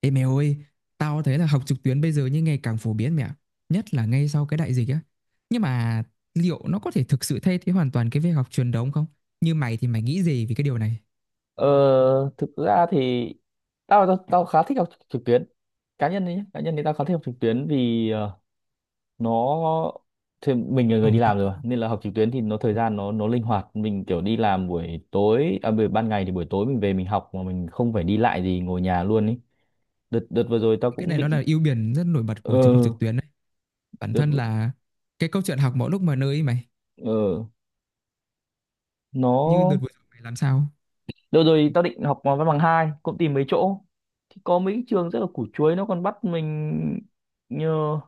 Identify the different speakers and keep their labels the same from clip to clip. Speaker 1: Ê mày ơi, tao thấy là học trực tuyến bây giờ như ngày càng phổ biến mẹ. Nhất là ngay sau cái đại dịch á. Nhưng mà liệu nó có thể thực sự thay thế hoàn toàn cái việc học truyền thống không? Như mày thì mày nghĩ gì về cái điều này?
Speaker 2: Ờ, thực ra thì tao tao, tao khá thích học trực tuyến cá nhân đấy nhé, cá nhân thì tao khá thích học trực tuyến vì nó thì mình là
Speaker 1: Ờ,
Speaker 2: người đi
Speaker 1: tao
Speaker 2: làm rồi
Speaker 1: nghĩ
Speaker 2: mà,
Speaker 1: nó,
Speaker 2: nên là học trực tuyến thì nó thời gian nó linh hoạt, mình kiểu đi làm buổi tối à, buổi ban ngày thì buổi tối mình về mình học mà mình không phải đi lại gì, ngồi nhà luôn ấy. Đợt đợt vừa rồi tao
Speaker 1: cái
Speaker 2: cũng
Speaker 1: này nó
Speaker 2: định
Speaker 1: là ưu điểm rất nổi bật
Speaker 2: ờ
Speaker 1: của trường học trực tuyến đấy. Bản
Speaker 2: đợt
Speaker 1: thân là cái câu chuyện học mọi lúc mọi nơi ấy mày.
Speaker 2: ờ
Speaker 1: Như đợt
Speaker 2: nó
Speaker 1: vừa rồi mày làm sao?
Speaker 2: đợt rồi tao định học văn bằng hai, cũng tìm mấy chỗ thì có mấy trường rất là củ chuối, nó còn bắt mình nhờ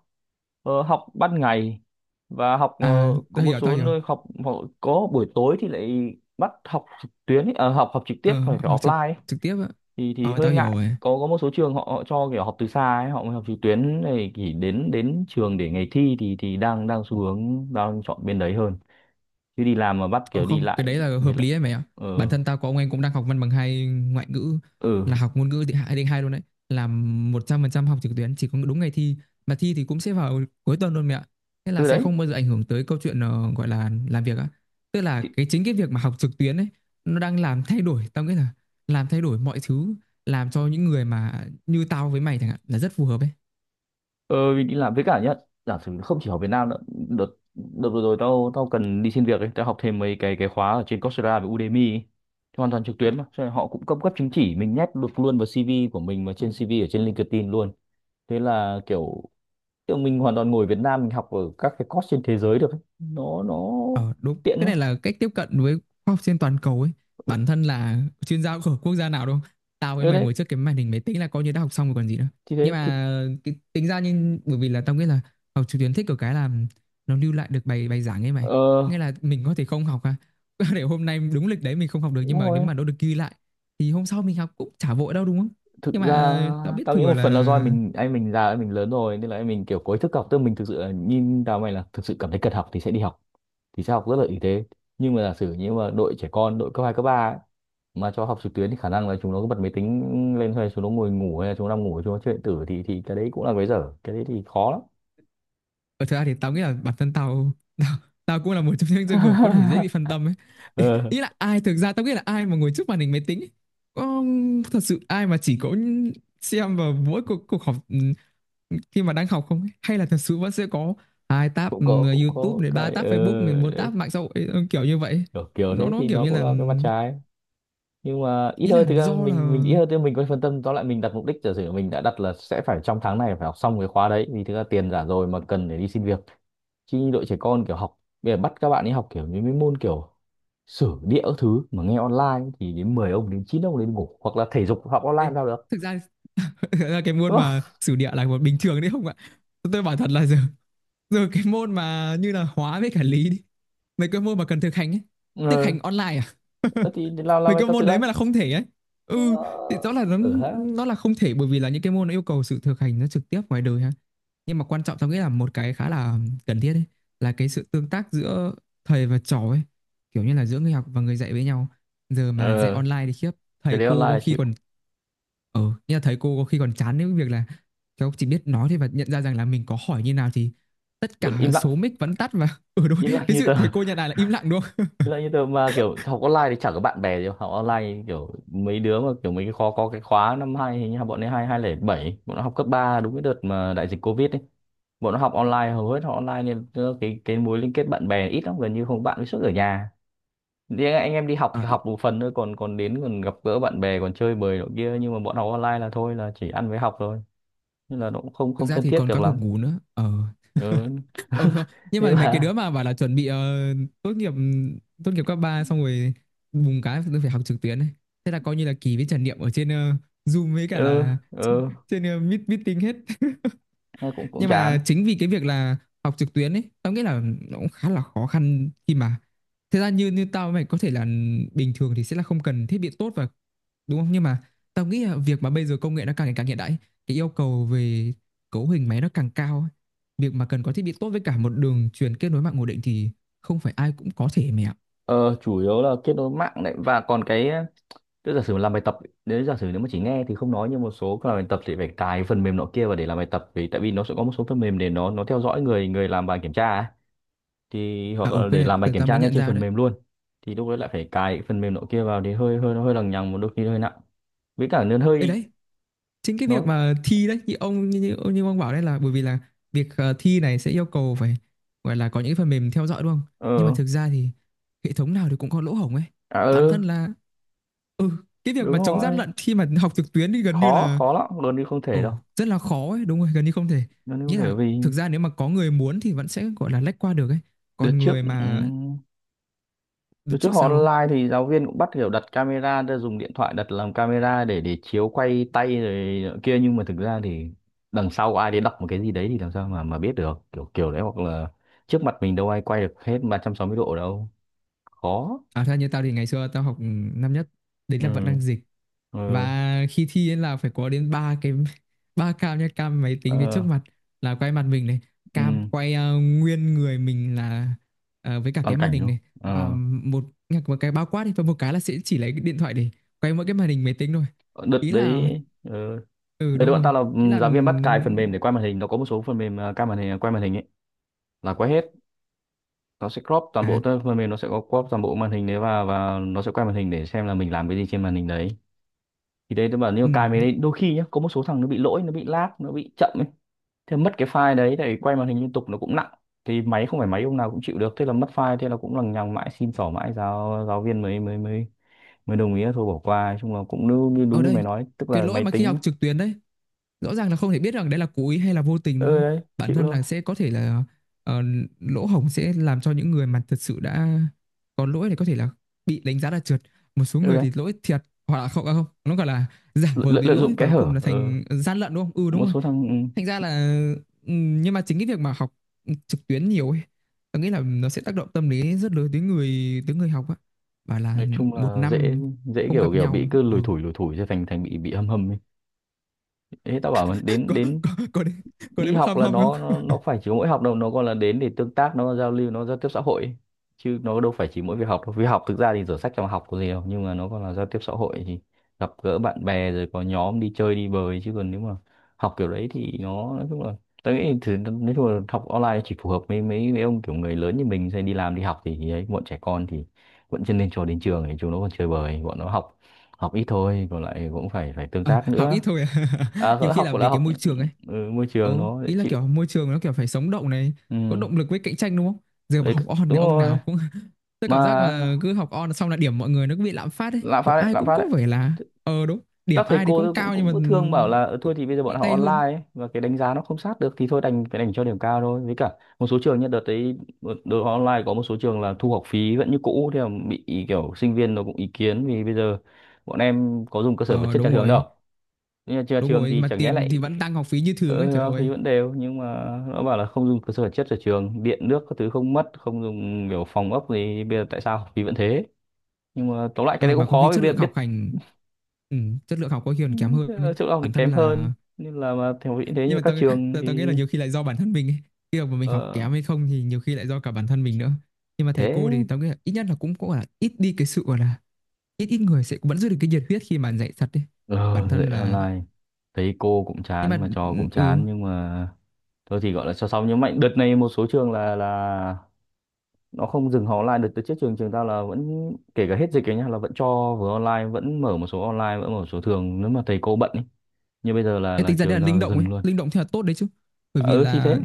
Speaker 2: học ban ngày và học
Speaker 1: À,
Speaker 2: có
Speaker 1: tao
Speaker 2: một
Speaker 1: hiểu, tao
Speaker 2: số
Speaker 1: hiểu.
Speaker 2: nơi học họ có buổi tối thì lại bắt học trực tuyến ấy, ờ, học học trực tiếp
Speaker 1: Ờ,
Speaker 2: phải phải
Speaker 1: học trực,
Speaker 2: offline ấy.
Speaker 1: trực tiếp á.
Speaker 2: Thì
Speaker 1: Ờ,
Speaker 2: hơi
Speaker 1: tao hiểu
Speaker 2: ngại,
Speaker 1: rồi.
Speaker 2: có một số trường họ, họ cho kiểu học từ xa ấy, họ mới học trực tuyến này, chỉ đến đến trường để ngày thi thì đang đang xu hướng đang chọn bên đấy hơn, chứ đi làm mà bắt
Speaker 1: Ờ
Speaker 2: kiểu đi
Speaker 1: không, cái
Speaker 2: lại
Speaker 1: đấy là hợp
Speaker 2: mệt lắm.
Speaker 1: lý đấy mày ạ.
Speaker 2: ờ
Speaker 1: Bản thân tao có ông em cũng đang học văn bằng hai ngoại ngữ,
Speaker 2: ừ
Speaker 1: là học ngôn ngữ thì hai đến hai luôn đấy. Là 100% học trực tuyến, chỉ có đúng ngày thi mà thi thì cũng sẽ vào cuối tuần luôn mẹ ạ. Thế là
Speaker 2: ừ
Speaker 1: sẽ
Speaker 2: Đấy.
Speaker 1: không bao giờ ảnh hưởng tới câu chuyện gọi là làm việc á. Tức là cái chính cái việc mà học trực tuyến ấy nó đang làm thay đổi, tao nghĩ là làm thay đổi mọi thứ, làm cho những người mà như tao với mày chẳng hạn là rất phù hợp ấy.
Speaker 2: Ờ, mình đi làm với cả nhá, giả sử không chỉ ở Việt Nam nữa. Đợt đợt vừa rồi tao tao cần đi xin việc ấy, tao học thêm mấy cái khóa ở trên Coursera với Udemy ấy. Thì hoàn toàn trực tuyến mà, cho nên họ cũng cấp cấp chứng chỉ, mình nhét được luôn vào CV của mình mà, trên CV ở trên LinkedIn luôn. Thế là kiểu kiểu mình hoàn toàn ngồi Việt Nam mình học ở các cái course trên thế giới được ấy. Nó
Speaker 1: Ờ đúng,
Speaker 2: tiện
Speaker 1: cái
Speaker 2: mà.
Speaker 1: này là cách tiếp cận với khoa học trên toàn cầu ấy. Bản thân là chuyên gia của quốc gia nào đâu. Tao với
Speaker 2: Ở
Speaker 1: mày
Speaker 2: đấy
Speaker 1: ngồi trước cái màn hình máy tính là coi như đã học xong rồi còn gì nữa.
Speaker 2: thì
Speaker 1: Nhưng
Speaker 2: thế thực
Speaker 1: mà cái, tính ra nhưng bởi vì là tao nghĩ là học trực tuyến thích ở cái là nó lưu lại được bài bài giảng ấy mày.
Speaker 2: ờ
Speaker 1: Nghĩa là mình có thể không học à. Để hôm nay đúng lịch đấy mình không học được, nhưng
Speaker 2: đúng
Speaker 1: mà nếu
Speaker 2: rồi.
Speaker 1: mà nó được ghi lại thì hôm sau mình học cũng chả vội đâu đúng không?
Speaker 2: Thực
Speaker 1: Nhưng
Speaker 2: ra
Speaker 1: mà tao biết
Speaker 2: tao nghĩ
Speaker 1: thừa
Speaker 2: một
Speaker 1: là
Speaker 2: phần là do em mình, anh mình già, anh mình lớn rồi, nên là anh mình kiểu có ý thức học, tức mình thực sự là nhìn tao mày là thực sự cảm thấy cần học thì sẽ đi học, thì sẽ học rất là ý. Thế nhưng mà giả sử như mà đội trẻ con, đội cấp 2 cấp 3 ấy, mà cho học trực tuyến thì khả năng là chúng nó cứ bật máy tính lên hay chúng nó ngồi ngủ hay là chúng nó nằm ngủ, chúng nó chơi điện tử, thì cái đấy cũng là cái dở, cái đấy thì khó lắm.
Speaker 1: ở thực ra thì tao nghĩ là bản thân tao tao, tao cũng là một trong những trường hợp có thể dễ bị phân tâm ấy.
Speaker 2: Ờ,
Speaker 1: Ý là ai, thực ra tao nghĩ là ai mà ngồi trước màn hình máy tính ấy, có thật sự ai mà chỉ có xem vào mỗi cuộc họp khi mà đang học không ấy? Hay là thật sự vẫn sẽ có hai tab
Speaker 2: cũng có cũng
Speaker 1: YouTube
Speaker 2: có
Speaker 1: này, ba
Speaker 2: cái
Speaker 1: tab Facebook này, bốn
Speaker 2: đấy,
Speaker 1: tab mạng xã hội kiểu như vậy.
Speaker 2: kiểu
Speaker 1: nó
Speaker 2: thế
Speaker 1: nó
Speaker 2: thì
Speaker 1: kiểu
Speaker 2: nó
Speaker 1: như
Speaker 2: cũng
Speaker 1: là
Speaker 2: là cái mặt trái, nhưng mà ít
Speaker 1: ý là
Speaker 2: hơn, thực ra
Speaker 1: do là.
Speaker 2: mình ít hơn thì mình có phân tâm, tóm lại mình đặt mục đích, giả sử mình đã đặt là sẽ phải trong tháng này phải học xong cái khóa đấy, vì thực ra tiền giả rồi mà, cần để đi xin việc. Chứ như đội trẻ con kiểu học bây giờ bắt các bạn ấy học kiểu những cái môn kiểu sử địa các thứ mà nghe online thì đến 10 ông đến 9 ông đến ngủ, hoặc là thể dục học online
Speaker 1: Ê,
Speaker 2: làm sao được,
Speaker 1: thực ra là cái môn
Speaker 2: đúng không?
Speaker 1: mà sử địa là một bình thường đấy không ạ? Tôi bảo thật là giờ giờ cái môn mà như là hóa với cả lý đi, mấy cái môn mà cần thực hành ấy,
Speaker 2: Ừ.
Speaker 1: thực hành online à?
Speaker 2: Ờ, thì làm
Speaker 1: Mấy
Speaker 2: bài
Speaker 1: cái
Speaker 2: tập thực
Speaker 1: môn đấy
Speaker 2: ra
Speaker 1: mà là không thể ấy, ừ, thì rõ là nó
Speaker 2: ở ha
Speaker 1: nó là không thể, bởi vì là những cái môn nó yêu cầu sự thực hành nó trực tiếp ngoài đời ha. Nhưng mà quan trọng tao nghĩ là một cái khá là cần thiết ấy, là cái sự tương tác giữa thầy và trò ấy, kiểu như là giữa người học và người dạy với nhau. Giờ mà dạy
Speaker 2: ờ,
Speaker 1: online thì khiếp,
Speaker 2: cái
Speaker 1: thầy
Speaker 2: đấy
Speaker 1: cô
Speaker 2: online
Speaker 1: có
Speaker 2: là
Speaker 1: khi
Speaker 2: chịu.
Speaker 1: còn ờ như là thầy cô có khi còn chán đến việc là cháu chỉ biết nói thôi, và nhận ra rằng là mình có hỏi như nào thì tất
Speaker 2: Vẫn
Speaker 1: cả
Speaker 2: im lặng,
Speaker 1: số mic vẫn tắt và ừ đúng,
Speaker 2: im lặng
Speaker 1: cái
Speaker 2: như tờ.
Speaker 1: sự thầy cô nhận lại là im lặng đúng không.
Speaker 2: Như là như tớ mà kiểu học online thì chẳng có bạn bè gì, học online kiểu mấy đứa mà kiểu mấy cái khóa, có cái khóa năm hai hình như là bọn ấy 22 lẻ 7, bọn nó học cấp 3 đúng cái đợt mà đại dịch covid ấy, bọn nó học online, hầu hết học online nên tớ- cái mối liên kết bạn bè ít lắm, gần như không bạn, với suốt ở nhà thì anh em đi học
Speaker 1: Ờ,
Speaker 2: là học một phần thôi, còn còn đến còn gặp gỡ bạn bè còn chơi bời nọ kia, nhưng mà bọn học online là thôi là chỉ ăn với học thôi, nên là nó cũng không
Speaker 1: thực
Speaker 2: không
Speaker 1: ra
Speaker 2: thân
Speaker 1: thì
Speaker 2: thiết
Speaker 1: còn
Speaker 2: được
Speaker 1: các cuộc
Speaker 2: lắm.
Speaker 1: ngủ nữa ờ
Speaker 2: Ừ.
Speaker 1: ừ không. Nhưng
Speaker 2: Nên
Speaker 1: mà mấy cái
Speaker 2: là
Speaker 1: đứa mà bảo là chuẩn bị tốt nghiệp, tốt nghiệp cấp 3 xong rồi bùng cái tôi phải học trực tuyến ấy, thế là coi như là kỳ với trải nghiệm ở trên Zoom với cả
Speaker 2: ừ
Speaker 1: là
Speaker 2: ừ
Speaker 1: trên meet, meeting hết.
Speaker 2: nghe cũng cũng
Speaker 1: Nhưng mà
Speaker 2: chán.
Speaker 1: chính vì cái việc là học trực tuyến ấy tao nghĩ là nó cũng khá là khó khăn, khi mà thực ra như như tao với mày có thể là bình thường thì sẽ là không cần thiết bị tốt và đúng không, nhưng mà tao nghĩ là việc mà bây giờ công nghệ nó càng ngày càng hiện đại ấy, cái yêu cầu về cấu hình máy nó càng cao ấy. Việc mà cần có thiết bị tốt với cả một đường truyền kết nối mạng ổn định thì không phải ai cũng có thể mẹ ạ.
Speaker 2: Ờ, chủ yếu là kết nối mạng đấy, và còn cái tức giả sử mà làm bài tập ấy, nếu giả sử nếu mà chỉ nghe thì không nói, nhưng một số cái làm bài tập thì phải cài phần mềm nọ kia vào để làm bài tập, vì tại vì nó sẽ có một số phần mềm để nó theo dõi người người làm bài kiểm tra ấy. Thì
Speaker 1: À
Speaker 2: hoặc
Speaker 1: ừ,
Speaker 2: là
Speaker 1: cái
Speaker 2: để
Speaker 1: này
Speaker 2: làm bài
Speaker 1: tao
Speaker 2: kiểm
Speaker 1: tao
Speaker 2: tra
Speaker 1: mới
Speaker 2: ngay
Speaker 1: nhận
Speaker 2: trên
Speaker 1: ra
Speaker 2: phần
Speaker 1: đấy.
Speaker 2: mềm luôn, thì lúc đấy lại phải cài cái phần mềm nọ kia vào thì hơi hơi, nó hơi lằng nhằng, một đôi khi hơi nặng, với cả nó
Speaker 1: Ê
Speaker 2: hơi
Speaker 1: đấy, chính cái việc
Speaker 2: nó.
Speaker 1: mà thi đấy, như ông bảo đấy, là bởi vì là việc thi này sẽ yêu cầu phải, gọi là, có những cái phần mềm theo dõi đúng không. Nhưng mà
Speaker 2: Ờ,
Speaker 1: thực ra thì hệ thống nào thì cũng có lỗ hổng ấy,
Speaker 2: à,
Speaker 1: bản thân
Speaker 2: ừ,
Speaker 1: là ừ, cái việc
Speaker 2: đúng
Speaker 1: mà chống gian
Speaker 2: rồi.
Speaker 1: lận khi mà học trực tuyến thì gần như
Speaker 2: khó
Speaker 1: là
Speaker 2: khó lắm luôn đi, không thể
Speaker 1: ồ
Speaker 2: đâu,
Speaker 1: rất là khó ấy, đúng rồi, gần như không thể.
Speaker 2: luôn đi không
Speaker 1: Nghĩa
Speaker 2: thể.
Speaker 1: là
Speaker 2: Vì
Speaker 1: thực ra nếu mà có người muốn thì vẫn sẽ gọi là lách qua được ấy,
Speaker 2: đợt
Speaker 1: còn
Speaker 2: trước
Speaker 1: người
Speaker 2: ừ,
Speaker 1: mà được
Speaker 2: từ trước
Speaker 1: trước
Speaker 2: họ
Speaker 1: sau không.
Speaker 2: online thì giáo viên cũng bắt kiểu đặt camera ra, dùng điện thoại đặt làm camera để chiếu quay tay rồi nọ kia, nhưng mà thực ra thì đằng sau ai đấy đọc một cái gì đấy thì làm sao mà biết được kiểu kiểu đấy hoặc là trước mặt mình đâu ai quay được hết 360 độ đâu, khó.
Speaker 1: À theo như tao thì ngày xưa tao học năm nhất, đấy là vẫn
Speaker 2: Ừ
Speaker 1: đang dịch,
Speaker 2: ừ
Speaker 1: và khi thi ấy là phải có đến ba cái ba cam nha, cam máy tính phía
Speaker 2: ờ,
Speaker 1: trước mặt là quay mặt mình này, cam
Speaker 2: ừ,
Speaker 1: quay nguyên người mình là với cả
Speaker 2: toàn
Speaker 1: cái màn
Speaker 2: cảnh
Speaker 1: hình
Speaker 2: luôn.
Speaker 1: này, và
Speaker 2: Ờ,
Speaker 1: một một cái bao quát đi, và một cái là sẽ chỉ lấy cái điện thoại để quay mỗi cái màn hình máy tính thôi,
Speaker 2: đợt
Speaker 1: ý là
Speaker 2: đấy
Speaker 1: ừ
Speaker 2: đợt đấy
Speaker 1: đúng
Speaker 2: bọn
Speaker 1: rồi,
Speaker 2: tao là
Speaker 1: ý
Speaker 2: ừ,
Speaker 1: là ừ,
Speaker 2: giáo viên bắt cài phần mềm để quay màn hình, nó có một số phần mềm, à, cai màn hình, quay màn hình ấy, là quay hết, nó sẽ crop toàn bộ,
Speaker 1: à
Speaker 2: tức là phần mềm nó sẽ có crop toàn bộ màn hình đấy, và nó sẽ quay màn hình để xem là mình làm cái gì trên màn hình đấy. Thì đấy tôi bảo nếu cài
Speaker 1: ừ.
Speaker 2: mình đấy, đôi khi nhá có một số thằng nó bị lỗi, nó bị lag, nó bị chậm ấy, thế mất cái file đấy, để quay màn hình liên tục nó cũng nặng, thì máy không phải máy ông nào cũng chịu được, thế là mất file, thế là cũng lằng nhằng mãi, xin xỏ mãi giáo giáo viên mới mới đồng ý là thôi bỏ qua. Nói chung là cũng
Speaker 1: Ở
Speaker 2: đúng như
Speaker 1: đây
Speaker 2: mày nói, tức
Speaker 1: cái
Speaker 2: là
Speaker 1: lỗi
Speaker 2: máy
Speaker 1: mà khi
Speaker 2: tính.
Speaker 1: học trực tuyến đấy, rõ ràng là không thể biết rằng đấy là cố ý hay là vô tình đúng
Speaker 2: Ừ
Speaker 1: không?
Speaker 2: đấy,
Speaker 1: Bản
Speaker 2: chịu
Speaker 1: thân
Speaker 2: thôi.
Speaker 1: là sẽ có thể là ờ, lỗ hổng sẽ làm cho những người mà thật sự đã có lỗi thì có thể là bị đánh giá là trượt. Một số
Speaker 2: Ừ
Speaker 1: người
Speaker 2: đấy,
Speaker 1: thì lỗi thiệt, hoặc là không à không, nó gọi là giả vờ bị
Speaker 2: lợi dụng
Speaker 1: lỗi
Speaker 2: kẽ
Speaker 1: và cuối cùng
Speaker 2: hở.
Speaker 1: là
Speaker 2: Ừ,
Speaker 1: thành gian lận đúng không? Ừ đúng
Speaker 2: một
Speaker 1: rồi.
Speaker 2: số thằng ừ.
Speaker 1: Thành ra là ừ, nhưng mà chính cái việc mà học trực tuyến nhiều ấy, tôi nghĩ là nó sẽ tác động tâm lý rất lớn tới người học á. Bảo là
Speaker 2: Nói chung
Speaker 1: một
Speaker 2: là dễ,
Speaker 1: năm
Speaker 2: dễ
Speaker 1: không
Speaker 2: kiểu
Speaker 1: gặp
Speaker 2: kiểu bị
Speaker 1: nhau.
Speaker 2: cứ
Speaker 1: Ờ.
Speaker 2: lủi thủi cho thành thành bị hâm hầm ấy. Ê, tao bảo là đến
Speaker 1: Có
Speaker 2: đến
Speaker 1: có có đến, có
Speaker 2: đi
Speaker 1: đến mức
Speaker 2: học
Speaker 1: hâm
Speaker 2: là
Speaker 1: hâm không?
Speaker 2: nó nó phải chỉ có mỗi học đâu, nó còn là đến để tương tác, nó giao lưu, nó giao tiếp xã hội ấy. Chứ nó đâu phải chỉ mỗi việc học đâu, vì học thực ra thì sổ sách trong học có gì đâu, nhưng mà nó còn là giao tiếp xã hội, thì gặp gỡ bạn bè rồi có nhóm đi chơi đi bời. Chứ còn nếu mà học kiểu đấy thì nó nói chung là tôi nghĩ thì nói chung là học online chỉ phù hợp với mấy mấy ông kiểu người lớn như mình sẽ đi làm đi học thì ấy, bọn trẻ con thì vẫn chưa nên, cho đến trường thì chúng nó còn chơi bời, bọn nó học học ít thôi, còn lại cũng phải phải tương
Speaker 1: Ờ,
Speaker 2: tác
Speaker 1: học
Speaker 2: nữa.
Speaker 1: ít thôi à.
Speaker 2: À,
Speaker 1: Nhiều khi
Speaker 2: học
Speaker 1: là
Speaker 2: là
Speaker 1: vì cái
Speaker 2: học,
Speaker 1: môi trường ấy.
Speaker 2: ừ, môi trường
Speaker 1: Ừ,
Speaker 2: nó dễ
Speaker 1: ý là
Speaker 2: chịu.
Speaker 1: kiểu môi trường nó kiểu phải sống động này, có
Speaker 2: Ừ
Speaker 1: động lực với cạnh tranh đúng không? Giờ
Speaker 2: đấy,
Speaker 1: bảo học on
Speaker 2: đúng
Speaker 1: thì ông
Speaker 2: rồi
Speaker 1: nào cũng tôi
Speaker 2: mà,
Speaker 1: cảm giác mà cứ học on xong là điểm mọi người nó cứ bị lạm phát ấy,
Speaker 2: lạm
Speaker 1: kiểu
Speaker 2: phát đấy,
Speaker 1: ai
Speaker 2: lạm
Speaker 1: cũng
Speaker 2: phát
Speaker 1: có
Speaker 2: đấy.
Speaker 1: vẻ là
Speaker 2: Th-
Speaker 1: ờ đúng,
Speaker 2: các
Speaker 1: điểm
Speaker 2: thầy
Speaker 1: ai thì
Speaker 2: cô
Speaker 1: cũng
Speaker 2: tôi cũng
Speaker 1: cao nhưng
Speaker 2: cũng
Speaker 1: mà
Speaker 2: cứ thương bảo là "Ờ,
Speaker 1: ừ,
Speaker 2: thôi thì
Speaker 1: cũng
Speaker 2: bây giờ
Speaker 1: nhẹ
Speaker 2: bọn họ
Speaker 1: tay hơn.
Speaker 2: online ấy, và cái đánh giá nó không sát được thì thôi đành phải đành cho điểm cao thôi", với cả một số trường nhất đợt đấy đội họ online có một số trường là thu học phí vẫn như cũ, thì bị kiểu sinh viên nó cũng ý kiến vì bây giờ bọn em có dùng cơ sở vật
Speaker 1: Ờ
Speaker 2: chất nhà trường đâu, nhưng mà nhà
Speaker 1: đúng
Speaker 2: trường
Speaker 1: rồi,
Speaker 2: thì
Speaker 1: mà
Speaker 2: chẳng nhẽ
Speaker 1: tiền
Speaker 2: lại
Speaker 1: thì vẫn tăng học phí như thường ấy, trời
Speaker 2: ờ, thì
Speaker 1: ơi.
Speaker 2: vẫn đều, nhưng mà nó bảo là không dùng cơ sở vật chất ở trường, điện nước các thứ không mất, không dùng kiểu phòng ốc gì, bây giờ tại sao học phí vẫn thế. Nhưng mà tóm lại cái
Speaker 1: Ừ
Speaker 2: đấy
Speaker 1: mà
Speaker 2: cũng
Speaker 1: có
Speaker 2: khó
Speaker 1: khi
Speaker 2: vì
Speaker 1: chất lượng học
Speaker 2: biết.
Speaker 1: hành ừ, chất lượng học có khi còn kém hơn
Speaker 2: Ờ,
Speaker 1: ấy.
Speaker 2: chất lượng học thì
Speaker 1: Bản thân
Speaker 2: kém hơn,
Speaker 1: là
Speaker 2: nên là mà thể hiện thế, nhưng
Speaker 1: nhưng
Speaker 2: mà
Speaker 1: mà
Speaker 2: các
Speaker 1: tao
Speaker 2: trường
Speaker 1: tao, tao nghĩ là
Speaker 2: thì
Speaker 1: nhiều khi lại do bản thân mình ấy. Cái việc mà mình học
Speaker 2: ờ,
Speaker 1: kém hay không thì nhiều khi lại do cả bản thân mình nữa, nhưng mà thầy
Speaker 2: thế
Speaker 1: cô thì tao nghĩ là ít nhất là cũng cũng gọi là ít đi cái sự gọi là ít ít người sẽ vẫn giữ được cái nhiệt huyết khi mà dạy thật đấy,
Speaker 2: ờ
Speaker 1: bản
Speaker 2: dạy
Speaker 1: thân là
Speaker 2: online thấy cô cũng
Speaker 1: nhưng mà
Speaker 2: chán mà trò cũng
Speaker 1: ừ.
Speaker 2: chán, nhưng mà thôi thì gọi là cho xong. Nhưng mạnh đợt này một số trường là nó không dừng học online. Đợt đợt trước trường trường tao là vẫn, kể cả hết dịch ấy nhá, là vẫn cho vừa online, vẫn mở một số online vẫn mở một số thường nếu mà thầy cô bận ấy, nhưng bây giờ là
Speaker 1: Cái tính ra
Speaker 2: trường
Speaker 1: đây là linh
Speaker 2: tao
Speaker 1: động ấy,
Speaker 2: dừng luôn.
Speaker 1: linh động thì là tốt đấy chứ, bởi
Speaker 2: Ờ
Speaker 1: vì
Speaker 2: ừ, thì thế
Speaker 1: là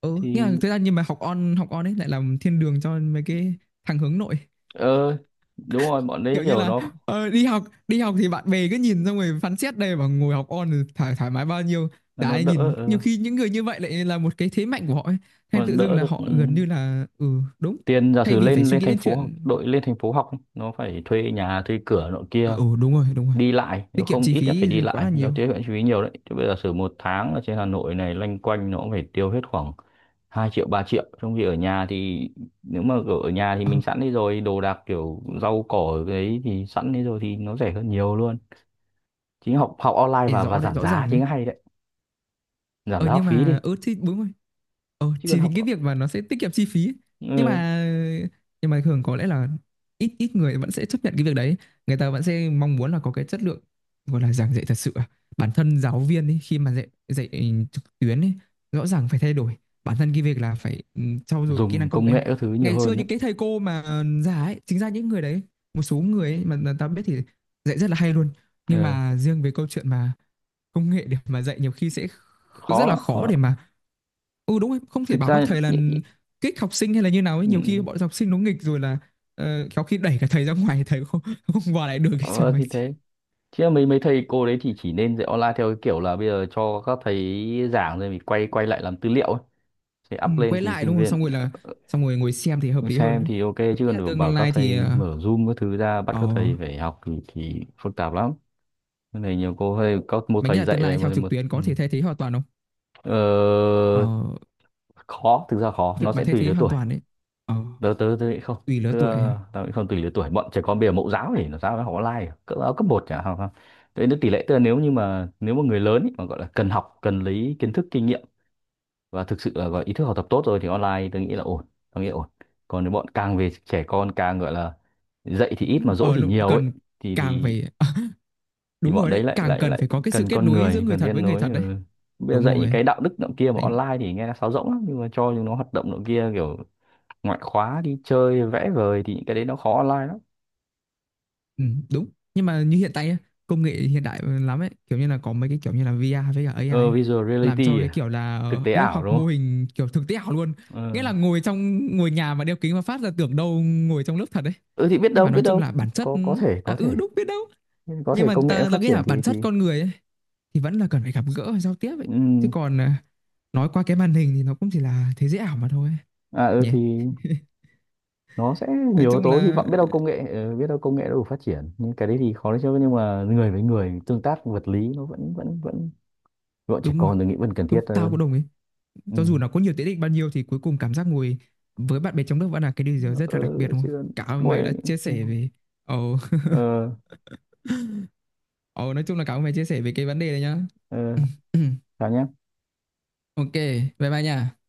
Speaker 1: ừ, nhưng mà
Speaker 2: thì
Speaker 1: thực ra nhưng mà học on, học on ấy lại làm thiên đường cho mấy cái thằng hướng nội,
Speaker 2: ờ đúng rồi, bọn đấy
Speaker 1: kiểu như
Speaker 2: kiểu
Speaker 1: là đi học, đi học thì bạn bè cứ nhìn xong rồi phán xét đây, và ngồi học on thì thoải mái bao nhiêu, chả
Speaker 2: nó
Speaker 1: ai
Speaker 2: đỡ.
Speaker 1: nhìn, nhiều
Speaker 2: Ờ,
Speaker 1: khi những người như vậy lại là một cái thế mạnh của họ ấy. Hay
Speaker 2: mà
Speaker 1: tự dưng
Speaker 2: đỡ
Speaker 1: là
Speaker 2: được ừ,
Speaker 1: họ gần như là ừ đúng,
Speaker 2: tiền giả
Speaker 1: thay
Speaker 2: sử
Speaker 1: vì phải
Speaker 2: lên
Speaker 1: suy
Speaker 2: lên
Speaker 1: nghĩ
Speaker 2: thành
Speaker 1: đến
Speaker 2: phố
Speaker 1: chuyện
Speaker 2: đội lên thành phố học ấy, nó phải thuê nhà thuê cửa nọ
Speaker 1: ờ,
Speaker 2: kia,
Speaker 1: ừ đúng rồi đúng rồi,
Speaker 2: đi lại,
Speaker 1: tiết
Speaker 2: nếu
Speaker 1: kiệm
Speaker 2: không
Speaker 1: chi
Speaker 2: ít nhất
Speaker 1: phí
Speaker 2: phải đi
Speaker 1: quá
Speaker 2: lại,
Speaker 1: là
Speaker 2: nó
Speaker 1: nhiều
Speaker 2: tiết kiệm chi phí nhiều đấy chứ, bây giờ giả sử một tháng ở trên Hà Nội này loanh quanh nó cũng phải tiêu hết khoảng 2 triệu 3 triệu, trong khi ở nhà thì nếu mà kiểu ở nhà thì
Speaker 1: ờ,
Speaker 2: mình sẵn đi rồi, đồ đạc kiểu rau cỏ ở đấy thì sẵn đi rồi thì nó rẻ hơn nhiều luôn. Chính học học online
Speaker 1: để
Speaker 2: và
Speaker 1: rõ đấy
Speaker 2: giảm
Speaker 1: rõ
Speaker 2: giá
Speaker 1: ràng ấy,
Speaker 2: chính hay đấy, giảm
Speaker 1: ờ
Speaker 2: giá học
Speaker 1: nhưng
Speaker 2: phí
Speaker 1: mà
Speaker 2: đi,
Speaker 1: ừ thì đúng rồi. Ờ,
Speaker 2: chứ còn
Speaker 1: chỉ vì
Speaker 2: học
Speaker 1: cái việc mà nó sẽ tiết kiệm chi phí ấy. nhưng
Speaker 2: ừ,
Speaker 1: mà nhưng mà thường có lẽ là ít ít người vẫn sẽ chấp nhận cái việc đấy, người ta vẫn sẽ mong muốn là có cái chất lượng, gọi là giảng dạy thật sự à. Bản thân giáo viên ấy, khi mà dạy dạy trực tuyến ấy, rõ ràng phải thay đổi, bản thân cái việc là phải trau dồi kỹ năng
Speaker 2: dùng
Speaker 1: công
Speaker 2: công
Speaker 1: nghệ.
Speaker 2: nghệ các thứ nhiều
Speaker 1: Ngày xưa
Speaker 2: hơn đấy.
Speaker 1: những cái thầy cô mà già ấy, chính ra những người đấy, một số người ấy mà ta biết thì dạy rất là hay luôn, nhưng
Speaker 2: Ờ,
Speaker 1: mà riêng về câu chuyện mà công nghệ để mà dạy nhiều khi sẽ
Speaker 2: khó
Speaker 1: rất là
Speaker 2: lắm khó
Speaker 1: khó
Speaker 2: lắm
Speaker 1: để mà ừ đúng rồi, không thể
Speaker 2: Thực
Speaker 1: bảo
Speaker 2: ra
Speaker 1: các thầy là
Speaker 2: nhị- nhị-
Speaker 1: kích học sinh hay là như nào ấy,
Speaker 2: ừ,
Speaker 1: nhiều khi bọn học sinh nó nghịch rồi là có khi đẩy cả thầy ra ngoài thầy không không qua lại được cái chứ
Speaker 2: ờ,
Speaker 1: nói
Speaker 2: thì
Speaker 1: gì.
Speaker 2: thế chứ là mấy mấy thầy cô đấy thì chỉ nên dạy online theo cái kiểu là bây giờ cho các thầy giảng rồi mình quay quay lại làm tư liệu ấy, sẽ
Speaker 1: Ừ,
Speaker 2: up lên
Speaker 1: quay
Speaker 2: thì
Speaker 1: lại
Speaker 2: sinh
Speaker 1: đúng không,
Speaker 2: viên
Speaker 1: xong rồi là xong rồi ngồi xem thì hợp lý hơn
Speaker 2: xem
Speaker 1: ấy.
Speaker 2: thì ok.
Speaker 1: Mày
Speaker 2: Chứ
Speaker 1: nghĩ
Speaker 2: còn
Speaker 1: là
Speaker 2: đừng bảo
Speaker 1: tương
Speaker 2: các
Speaker 1: lai thì
Speaker 2: thầy
Speaker 1: ờ
Speaker 2: mở Zoom các thứ ra bắt
Speaker 1: ờ,
Speaker 2: các thầy phải học thì phức tạp lắm. Cái này nhiều cô hay có một
Speaker 1: mày nghĩ
Speaker 2: thầy
Speaker 1: là
Speaker 2: dạy
Speaker 1: tương
Speaker 2: này,
Speaker 1: lai
Speaker 2: một
Speaker 1: theo
Speaker 2: thầy
Speaker 1: trực
Speaker 2: một.
Speaker 1: tuyến
Speaker 2: Ừ.
Speaker 1: có thể thay thế hoàn toàn không? Ờ,
Speaker 2: Ờ, khó, thực ra khó,
Speaker 1: việc
Speaker 2: nó
Speaker 1: mà
Speaker 2: sẽ
Speaker 1: thay
Speaker 2: tùy
Speaker 1: thế
Speaker 2: lứa
Speaker 1: hoàn
Speaker 2: tuổi.
Speaker 1: toàn ấy, ờ
Speaker 2: Tớ tớ tớ nghĩ không,
Speaker 1: tùy lứa
Speaker 2: tớ
Speaker 1: tuổi,
Speaker 2: tớ nghĩ không, tùy lứa tuổi, bọn trẻ con bây giờ mẫu giáo thì nó sao nó học online à? Cấp áo cấp một chả học không? Đấy, tỷ lệ tớ, nếu như mà nếu mà người lớn ý, mà gọi là cần học cần lấy kiến thức kinh nghiệm và thực sự là gọi ý thức học tập tốt rồi thì online tớ nghĩ là ổn, tớ nghĩ là ổn. Còn nếu bọn càng về trẻ con càng gọi là dạy thì ít mà dỗ
Speaker 1: ờ
Speaker 2: thì
Speaker 1: lúc
Speaker 2: nhiều ấy,
Speaker 1: cần
Speaker 2: thì
Speaker 1: càng
Speaker 2: thì
Speaker 1: phải
Speaker 2: thì
Speaker 1: đúng
Speaker 2: bọn
Speaker 1: rồi
Speaker 2: đấy
Speaker 1: đấy,
Speaker 2: lại
Speaker 1: càng
Speaker 2: lại
Speaker 1: cần
Speaker 2: lại
Speaker 1: phải có cái sự
Speaker 2: cần
Speaker 1: kết
Speaker 2: con
Speaker 1: nối giữa
Speaker 2: người,
Speaker 1: người
Speaker 2: cần
Speaker 1: thật
Speaker 2: kết
Speaker 1: với người
Speaker 2: nối.
Speaker 1: thật đấy,
Speaker 2: Ừ. Bây giờ
Speaker 1: đúng
Speaker 2: dạy những
Speaker 1: rồi.
Speaker 2: cái đạo đức nọ kia mà
Speaker 1: Mày
Speaker 2: online thì nghe nó sáo rỗng lắm, nhưng mà cho chúng nó hoạt động nọ kia kiểu ngoại khóa đi chơi vẽ vời thì những cái đấy nó khó online lắm.
Speaker 1: ừ, đúng. Nhưng mà như hiện tại ấy, công nghệ hiện đại lắm ấy, kiểu như là có mấy cái kiểu như là VR với cả AI
Speaker 2: Ờ,
Speaker 1: ấy,
Speaker 2: visual
Speaker 1: làm cho
Speaker 2: reality
Speaker 1: cái
Speaker 2: à?
Speaker 1: kiểu là
Speaker 2: Thực tế
Speaker 1: lớp
Speaker 2: ảo
Speaker 1: học
Speaker 2: đúng
Speaker 1: mô
Speaker 2: không.
Speaker 1: hình kiểu thực tế ảo luôn. Nghĩa
Speaker 2: Ờ.
Speaker 1: là ngồi trong ngồi nhà mà đeo kính mà phát ra tưởng đâu ngồi trong lớp thật đấy,
Speaker 2: Ừ thì biết
Speaker 1: nhưng
Speaker 2: đâu
Speaker 1: mà
Speaker 2: biết
Speaker 1: nói chung
Speaker 2: đâu,
Speaker 1: là bản chất
Speaker 2: có thể
Speaker 1: à,
Speaker 2: có
Speaker 1: ừ
Speaker 2: thể,
Speaker 1: đúng biết đâu,
Speaker 2: có
Speaker 1: nhưng
Speaker 2: thể
Speaker 1: mà
Speaker 2: công nghệ nó
Speaker 1: ta
Speaker 2: phát
Speaker 1: nghĩ
Speaker 2: triển
Speaker 1: là bản
Speaker 2: thì
Speaker 1: chất con người ấy, thì vẫn là cần phải gặp gỡ và giao tiếp ấy, chứ
Speaker 2: ừm,
Speaker 1: còn à, nói qua cái màn hình thì nó cũng chỉ là thế giới ảo mà thôi
Speaker 2: à ừ
Speaker 1: nhỉ.
Speaker 2: thì nó sẽ
Speaker 1: Nói
Speaker 2: nhiều yếu
Speaker 1: chung
Speaker 2: tố, hy
Speaker 1: là
Speaker 2: vọng biết đâu công nghệ ờ, biết đâu công nghệ nó đủ phát triển, nhưng cái đấy thì khó đấy chứ, nhưng mà người với người tương tác vật lý nó vẫn vẫn trẻ
Speaker 1: đúng rồi,
Speaker 2: con tôi nghĩ vẫn cần
Speaker 1: đúng
Speaker 2: thiết
Speaker 1: tao cũng
Speaker 2: hơn.
Speaker 1: đồng ý.
Speaker 2: Ừ.
Speaker 1: Cho dù nó có nhiều tiện ích bao nhiêu thì cuối cùng cảm giác ngồi với bạn bè trong nước vẫn là cái điều gì đó rất là đặc
Speaker 2: Ờ,
Speaker 1: biệt đúng
Speaker 2: chứ
Speaker 1: không? Cảm ơn mày
Speaker 2: ngồi
Speaker 1: đã chia sẻ về. Ồ,
Speaker 2: ờ,
Speaker 1: ồ nói chung là cảm ơn mày chia sẻ về cái vấn đề này nhá.
Speaker 2: ờ, chào nhá.
Speaker 1: Ok, bye bye nha.